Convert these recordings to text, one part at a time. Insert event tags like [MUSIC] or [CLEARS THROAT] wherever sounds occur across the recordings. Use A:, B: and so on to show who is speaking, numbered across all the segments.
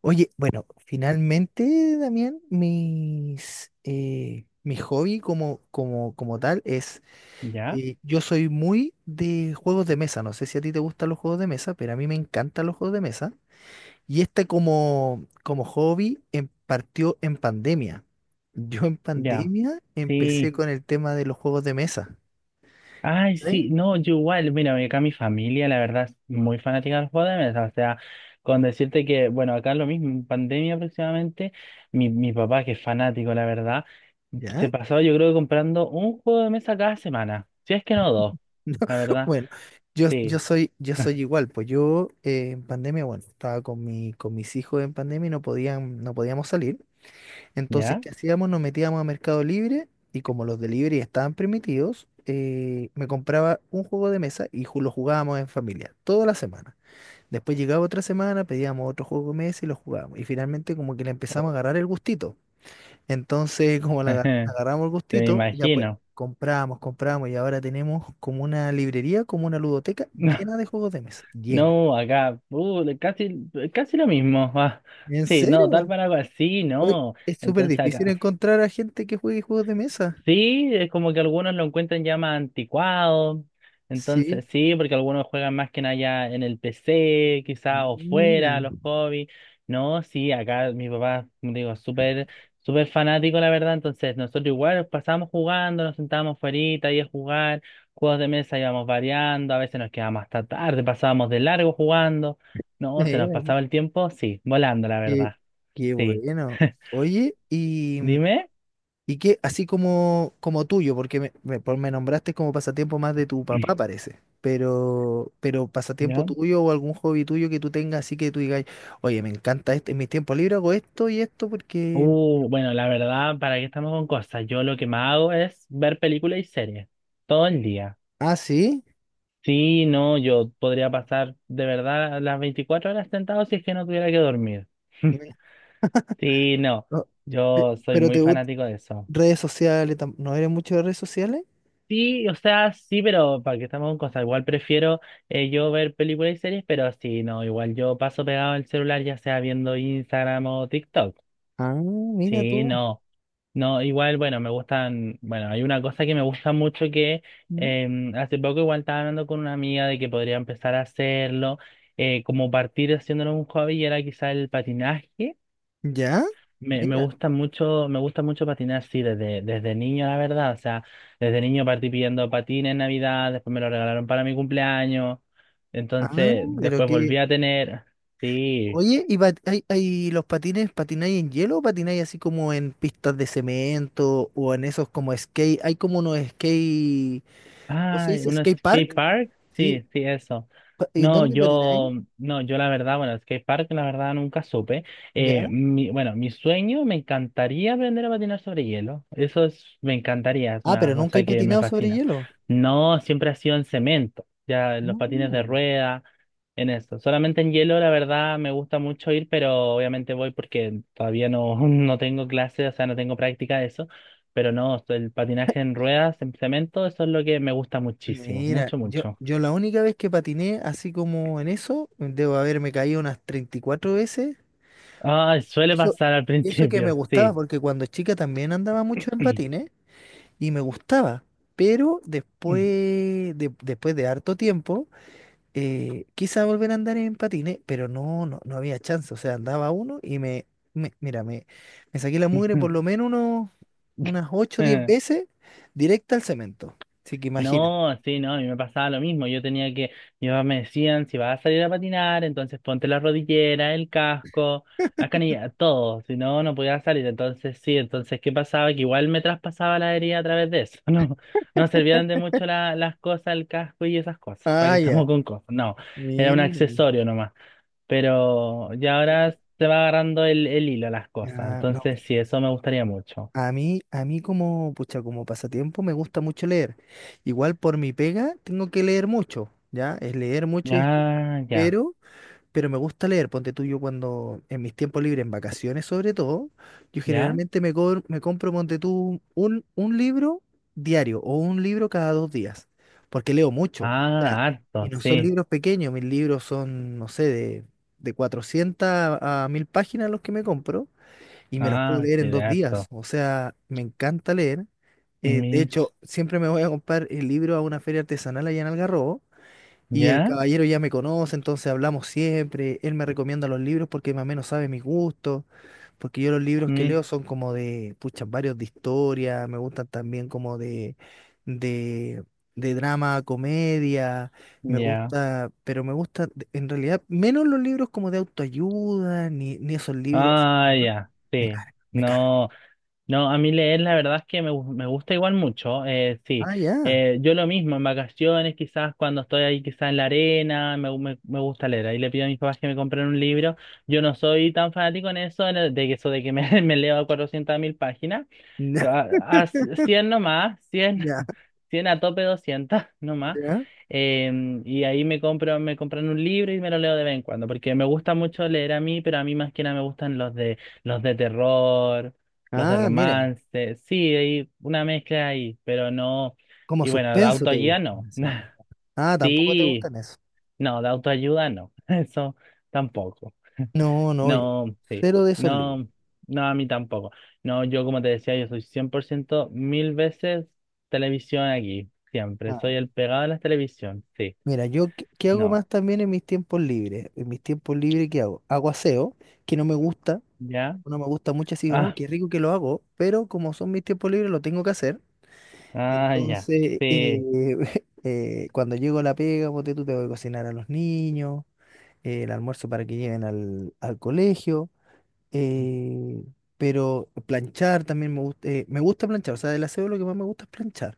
A: Oye, bueno, finalmente, Damián, mi hobby como tal es,
B: Ya,
A: yo soy muy de juegos de mesa, no sé si a ti te gustan los juegos de mesa, pero a mí me encantan los juegos de mesa. Y este como hobby partió en pandemia. Yo en
B: ya,
A: pandemia empecé
B: sí.
A: con el tema de los juegos de mesa.
B: Ay,
A: ¿Eh?
B: sí, no, yo igual, mira, acá mi familia, la verdad, es muy fanática de los de mesa. O sea, con decirte que, bueno, acá lo mismo, en pandemia aproximadamente, mi papá, que es fanático, la verdad,
A: ¿Ya?
B: se pasó, yo creo, comprando un juego de mesa cada semana. Si es que no dos, la verdad,
A: Bueno, yo, yo
B: sí.
A: soy, yo soy
B: [LAUGHS]
A: igual, pues yo, en pandemia, bueno, estaba con mis hijos en pandemia y no podían, no podíamos salir. Entonces,
B: ¿Ya?
A: ¿qué hacíamos? Nos metíamos a Mercado Libre y como los delivery estaban permitidos, me compraba un juego de mesa y lo jugábamos en familia, toda la semana. Después llegaba otra semana, pedíamos otro juego de mesa y lo jugábamos. Y finalmente como que le empezamos a agarrar el gustito. Entonces, como le
B: [LAUGHS]
A: agarramos el
B: Te me
A: gustito, ya pues
B: imagino.
A: compramos, compramos y ahora tenemos como una librería, como una ludoteca llena
B: [LAUGHS]
A: de juegos de mesa, llena.
B: No, no, acá, casi, casi lo mismo. [LAUGHS] Ah.
A: ¿En
B: Sí, no, tal
A: serio?
B: para cual, sí,
A: Oye,
B: no.
A: es súper
B: Entonces
A: difícil
B: acá.
A: encontrar a gente que juegue juegos de mesa.
B: Sí, es como que algunos lo encuentran ya más anticuado.
A: Sí.
B: Entonces, sí, porque algunos juegan más que nada ya en el PC,
A: Ah,
B: quizá, o fuera,
A: mira,
B: los hobbies. No, sí, acá mi papá, como te digo, súper, súper fanático, la verdad. Entonces, nosotros igual pasábamos jugando, nos sentábamos fuerita ahí a jugar, juegos de mesa íbamos variando, a veces nos quedábamos hasta tarde, pasábamos de largo jugando.
A: [LAUGHS]
B: No, se nos
A: mira,
B: pasaba el tiempo, sí, volando, la
A: qué,
B: verdad.
A: qué
B: Sí.
A: bueno. Oye, y
B: Dime.
A: Que así como, como tuyo, porque me nombraste como pasatiempo más de tu papá,
B: [CLEARS THROAT]
A: parece. Pero pasatiempo
B: ¿Ya?
A: tuyo o algún hobby tuyo que tú tengas, así que tú digas, oye, me encanta esto, en mis tiempos libres hago esto y esto porque...
B: Bueno, la verdad, ¿para qué estamos con cosas? Yo lo que más hago es ver películas y series todo el día.
A: Ah, sí.
B: Sí, no, yo podría pasar de verdad las 24 horas sentado si es que no tuviera que dormir. [LAUGHS]
A: Mira,
B: Sí, no,
A: no,
B: yo soy
A: pero te
B: muy
A: gustan
B: fanático de eso.
A: redes sociales, ¿no eres mucho de redes sociales?
B: Sí, o sea, sí, pero ¿para que estamos con cosas? Igual prefiero yo ver películas y series, pero sí, no, igual yo paso pegado al celular, ya sea viendo Instagram o TikTok.
A: Ah, mira
B: Sí,
A: tú.
B: no. No, igual, bueno, me gustan, bueno, hay una cosa que me gusta mucho que
A: ¿Mm?
B: hace poco igual estaba hablando con una amiga de que podría empezar a hacerlo, como partir haciéndolo un hobby y era quizá el patinaje.
A: ¿Ya?
B: Me
A: Mira.
B: gusta mucho, me gusta mucho patinar, sí, desde niño, la verdad. O sea, desde niño partí pidiendo patines en Navidad, después me lo regalaron para mi cumpleaños.
A: Ah,
B: Entonces,
A: pero
B: después volví
A: qué.
B: a tener, sí.
A: Oye, ¿y hay, los patines, patináis en hielo o patináis así como en pistas de cemento o en esos como skate? Hay como unos skate, ¿cómo se
B: Ah,
A: dice?
B: un
A: Skate park,
B: skate park,
A: ¿sí?
B: sí, sí, eso.
A: ¿Y
B: No,
A: dónde patináis?
B: yo, no, yo la verdad, bueno, skate park la verdad nunca supe.
A: ¿Ya?
B: Bueno, mi sueño, me encantaría aprender a patinar sobre hielo. Eso es, me encantaría, es
A: Ah,
B: una
A: pero nunca he
B: cosa que me
A: patinado sobre
B: fascina.
A: hielo.
B: No, siempre ha sido en cemento, ya en los patines de
A: Mm.
B: rueda, en eso. Solamente en hielo, la verdad, me gusta mucho ir, pero obviamente voy porque todavía no, [LAUGHS] no tengo clases, o sea, no tengo práctica de eso. Pero no, el patinaje en ruedas, en cemento, eso es lo que me gusta muchísimo,
A: Mira,
B: mucho,
A: yo,
B: mucho.
A: yo la única vez que patiné así como en eso, debo haberme caído unas 34 veces.
B: Ah,
A: Y
B: suele
A: eso,
B: pasar al
A: y eso que me
B: principio,
A: gustaba,
B: sí.
A: porque cuando chica también andaba mucho en
B: [CLEARS THROAT]
A: patines, y me gustaba. Pero después de harto tiempo, quise volver a andar en patines, pero no, no, no había chance. O sea, andaba uno y mira, me saqué la mugre por
B: [LAUGHS]
A: lo menos unas 8 o 10 veces directa al cemento. Así que imagina.
B: No, sí, no, a mí me pasaba lo mismo. Yo tenía que, mi papá me decían, si vas a salir a patinar, entonces ponte la rodillera, el casco, la canilla todo. Si no, no podía salir. Entonces, sí, entonces, ¿qué pasaba? Que igual me traspasaba la herida a través de eso. [LAUGHS] No, no servían de mucho las cosas, el casco y esas cosas. ¿Para qué
A: Ah, ya.
B: estamos con cosas? No, era un
A: Mira.
B: accesorio nomás. Pero ya ahora se va agarrando el hilo a las cosas.
A: Ah, no, mira,
B: Entonces, sí, eso me gustaría mucho.
A: a mí como, pucha, como pasatiempo me gusta mucho leer. Igual por mi pega tengo que leer mucho, ¿ya? Es leer mucho y escribir.
B: Ya, ya,
A: Pero me gusta leer, ponte tú, yo cuando, en mis tiempos libres, en vacaciones sobre todo, yo
B: ya.
A: generalmente me compro, ponte tú, un libro diario o un libro cada 2 días, porque leo mucho. O
B: Ah,
A: sea, y
B: harto,
A: no son
B: sí.
A: libros pequeños, mis libros son, no sé, de, 400 a 1.000 páginas los que me compro, y me los puedo
B: Ah,
A: leer en 2 días.
B: cierto.
A: O sea, me encanta leer. De
B: Mis,
A: hecho, siempre me voy a comprar el libro a una feria artesanal allá en Algarrobo, y el
B: ya,
A: caballero ya me conoce, entonces hablamos siempre. Él me recomienda los libros porque más o menos sabe mis gustos. Porque yo los libros que
B: mis,
A: leo son como de, pucha, varios de historia. Me gustan también como de, de drama, comedia. Me
B: ya.
A: gusta, pero me gusta, de- en realidad, menos los libros como de autoayuda, ni esos libros,
B: Ah,
A: ¿no?
B: ya,
A: Me
B: sí.
A: cargan, me cargan.
B: No, no, a mí leer la verdad es que me gusta igual mucho. Sí.
A: Ah, ya.
B: Yo lo mismo, en vacaciones, quizás cuando estoy ahí, quizás en la arena, me gusta leer. Ahí le pido a mis papás que me compren un libro. Yo no soy tan fanático en eso, de que eso de que me, [LAUGHS] me leo 400.000 páginas.
A: [LAUGHS]
B: A 100 nomás, cien.
A: Ya,
B: [LAUGHS] Cien a tope 200. [LAUGHS] Nomás.
A: ya.
B: Y ahí me compro, me compran un libro y me lo leo de vez en cuando, porque me gusta mucho leer a mí, pero a mí más que nada me gustan los de, terror, los de
A: Ah, mira,
B: romance, sí, hay una mezcla ahí, pero no,
A: como
B: y bueno, de
A: suspenso te
B: autoayuda
A: gusta.
B: no,
A: Sí.
B: [LAUGHS]
A: Ah, tampoco te
B: sí,
A: gustan esos.
B: no, de autoayuda no, [LAUGHS] eso tampoco.
A: No, no, yo
B: No, sí.
A: cero de esos libros.
B: No, no, a mí tampoco. No, yo como te decía, yo soy 100% mil veces televisión aquí. Siempre.
A: Ah,
B: Soy el pegado de la televisión. Sí.
A: mira, yo qué, qué hago
B: No.
A: más también en mis tiempos libres. En mis tiempos libres, ¿qué hago? Hago aseo, que no me gusta,
B: ¿Ya?
A: no me gusta mucho, así, oh,
B: Ah,
A: qué rico que lo hago, pero como son mis tiempos libres, lo tengo que hacer.
B: ah, ya.
A: Entonces,
B: Sí,
A: [LAUGHS] cuando llego a la pega, ponte tú, tengo que cocinar a los niños, el almuerzo para que lleven al colegio, eh, pero planchar también me gusta planchar, o sea, del aseo lo que más me gusta es planchar.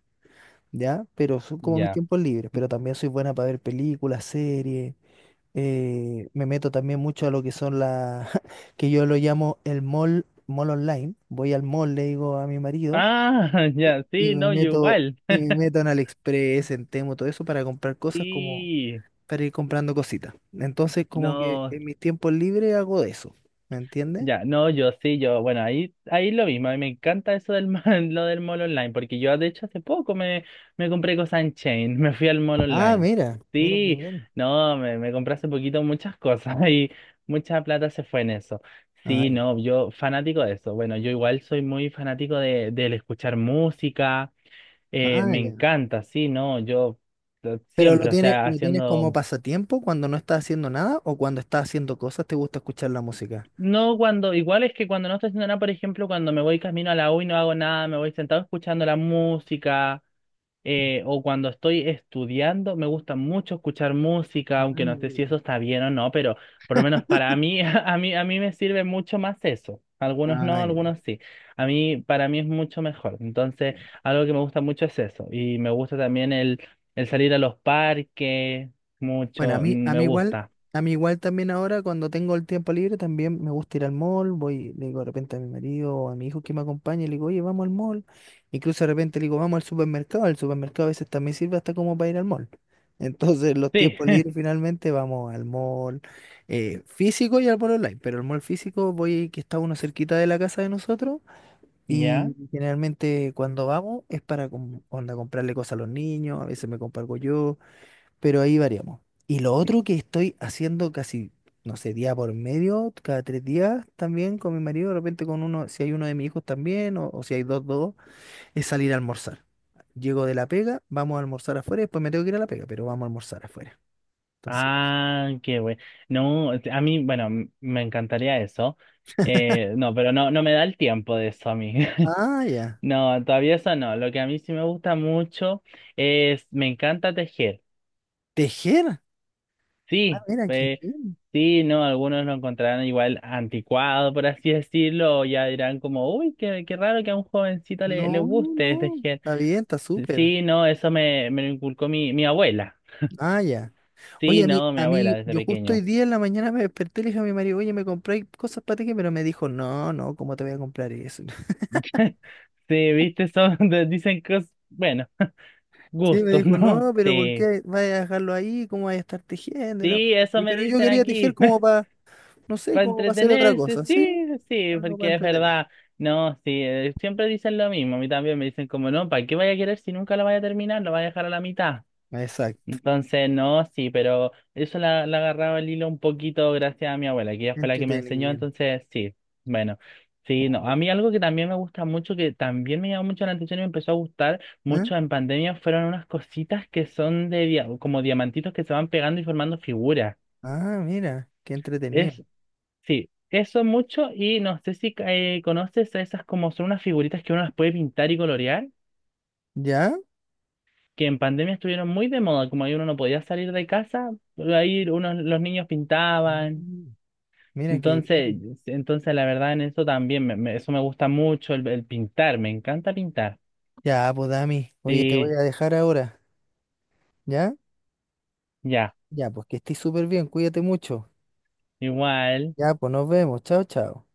A: ¿Ya? Pero son como mis
B: ya.
A: tiempos libres, pero también soy buena para ver películas, series. Me meto también mucho a lo que son las, [LAUGHS] que yo lo llamo el mall, mall online. Voy al mall, le digo a mi marido,
B: Ah, [LAUGHS] ya.
A: y
B: Sí,
A: me
B: no, yo
A: meto,
B: igual.
A: en AliExpress, en Temo, todo eso para comprar cosas como,
B: Sí.
A: para ir comprando cositas. Entonces, como que
B: No.
A: en mis tiempos libres hago eso, ¿me entiendes?
B: Ya, no, yo sí, yo, bueno, ahí lo mismo, a mí me encanta eso del ma- [LAUGHS] lo del mall online, porque yo de hecho hace poco me compré cosas en Chain. [LAUGHS] Me fui al mall
A: Ah,
B: online.
A: mira, mira qué
B: Sí,
A: bien.
B: no, me compré hace poquito muchas cosas [LAUGHS] y mucha plata se fue en eso.
A: Ah,
B: Sí,
A: ya.
B: no, yo fanático de eso. Bueno, yo igual soy muy fanático del escuchar música,
A: Ah,
B: me
A: ya.
B: encanta, sí, no, yo
A: Pero
B: siempre, o sea,
A: lo tienes como
B: haciendo.
A: pasatiempo cuando no estás haciendo nada o cuando estás haciendo cosas te gusta escuchar la música.
B: No, cuando, igual es que cuando no estoy haciendo nada, por ejemplo, cuando me voy camino a la U y no hago nada, me voy sentado escuchando la música, o cuando estoy estudiando, me gusta mucho escuchar música,
A: Ah,
B: aunque no sé si
A: mira.
B: eso está bien o no, pero por lo menos para mí, [LAUGHS] a mí me sirve mucho más eso. Algunos no,
A: Ah,
B: algunos sí. A mí, para mí es mucho mejor. Entonces,
A: ya.
B: algo que me gusta mucho es eso. Y me gusta también el salir a los parques,
A: Bueno, a
B: mucho,
A: mí, a
B: me
A: mí igual,
B: gusta.
A: a mí igual también ahora cuando tengo el tiempo libre también me gusta ir al mall, voy, le digo de repente a mi marido o a mi hijo que me acompañe, le digo, oye, vamos al mall. Incluso de repente le digo, vamos al supermercado, el supermercado a veces también sirve hasta como para ir al mall. [LAUGHS] Entonces los
B: Sí.
A: tiempos libres
B: [LAUGHS]
A: finalmente vamos al mall, físico y al mall online, pero el mall físico voy que está uno cerquita de la casa de nosotros,
B: Ya.
A: y generalmente cuando vamos es para onda, comprarle cosas a los niños, a veces me compro algo yo, pero ahí variamos. Y lo otro que estoy haciendo casi, no sé, día por medio, cada 3 días también con mi marido, de repente con uno, si hay uno de mis hijos también, o si hay dos, dos, es salir a almorzar. Llego de la pega, vamos a almorzar afuera, después me tengo que ir a la pega, pero vamos a almorzar afuera. Entonces,
B: Ah, qué bueno. No, a mí, bueno, me encantaría eso. No, pero no, no me da el tiempo de eso a mí. [LAUGHS]
A: ah, ya.
B: No, todavía eso no. Lo que a mí sí me gusta mucho es, me encanta tejer.
A: Tejer. Ah,
B: Sí,
A: mira, qué bien.
B: sí, no, algunos lo encontrarán igual anticuado, por así decirlo, o ya dirán como, uy, qué, qué raro que a un jovencito le
A: No,
B: guste
A: no,
B: tejer.
A: está bien, está súper.
B: Sí, no, eso me lo inculcó mi abuela.
A: Ah, ya. Oye,
B: Sí, no, mi abuela desde
A: yo justo hoy
B: pequeño.
A: día en la mañana me desperté y le dije a mi marido, oye, me compré cosas para tejer, pero me dijo, no, no, ¿cómo te voy a comprar eso?
B: Sí, viste, son, [LAUGHS] dicen cosas, bueno, [LAUGHS]
A: Sí, me
B: gustos,
A: dijo,
B: ¿no?
A: no, pero ¿por
B: Sí,
A: qué vas a dejarlo ahí? ¿Cómo vas a estar tejiendo? Y la
B: sí,
A: cuestión?
B: eso
A: Y
B: me
A: pero yo
B: dicen
A: quería tejer
B: aquí,
A: como
B: [LAUGHS]
A: para, no sé,
B: para
A: como para hacer otra
B: entretenerse,
A: cosa, ¿sí?
B: sí, sí,
A: Algo para
B: porque es
A: entretener.
B: verdad, no, sí, siempre dicen lo mismo, a mí también me dicen como, no, ¿para qué vaya a querer si nunca lo vaya a terminar, lo vaya a dejar a la mitad?
A: Exacto,
B: Entonces, no, sí, pero eso la agarraba el hilo un poquito gracias a mi abuela, que ella fue la que me enseñó,
A: entretenido.
B: entonces sí, bueno, sí, no.
A: Como,
B: A mí algo que también me gusta mucho, que también me llamó mucho la atención y me empezó a gustar
A: ¿eh?
B: mucho en pandemia, fueron unas cositas que son como diamantitos que se van pegando y formando figuras.
A: Ah, mira, qué entretenido.
B: Es, sí, eso mucho y no sé si conoces esas como son unas figuritas que uno las puede pintar y colorear.
A: ¿Ya?
B: Que en pandemia estuvieron muy de moda, como ahí uno no podía salir de casa, ahí unos, los niños pintaban.
A: Mm. Mira qué
B: Entonces,
A: bien.
B: entonces, la verdad en eso también, eso me gusta mucho, el pintar, me encanta pintar.
A: Ya, pues Dami, oye, te
B: Sí,
A: voy a dejar ahora, ¿ya?
B: ya,
A: Ya, pues que estés súper bien, cuídate mucho.
B: igual.
A: Ya, pues nos vemos, chao, chao.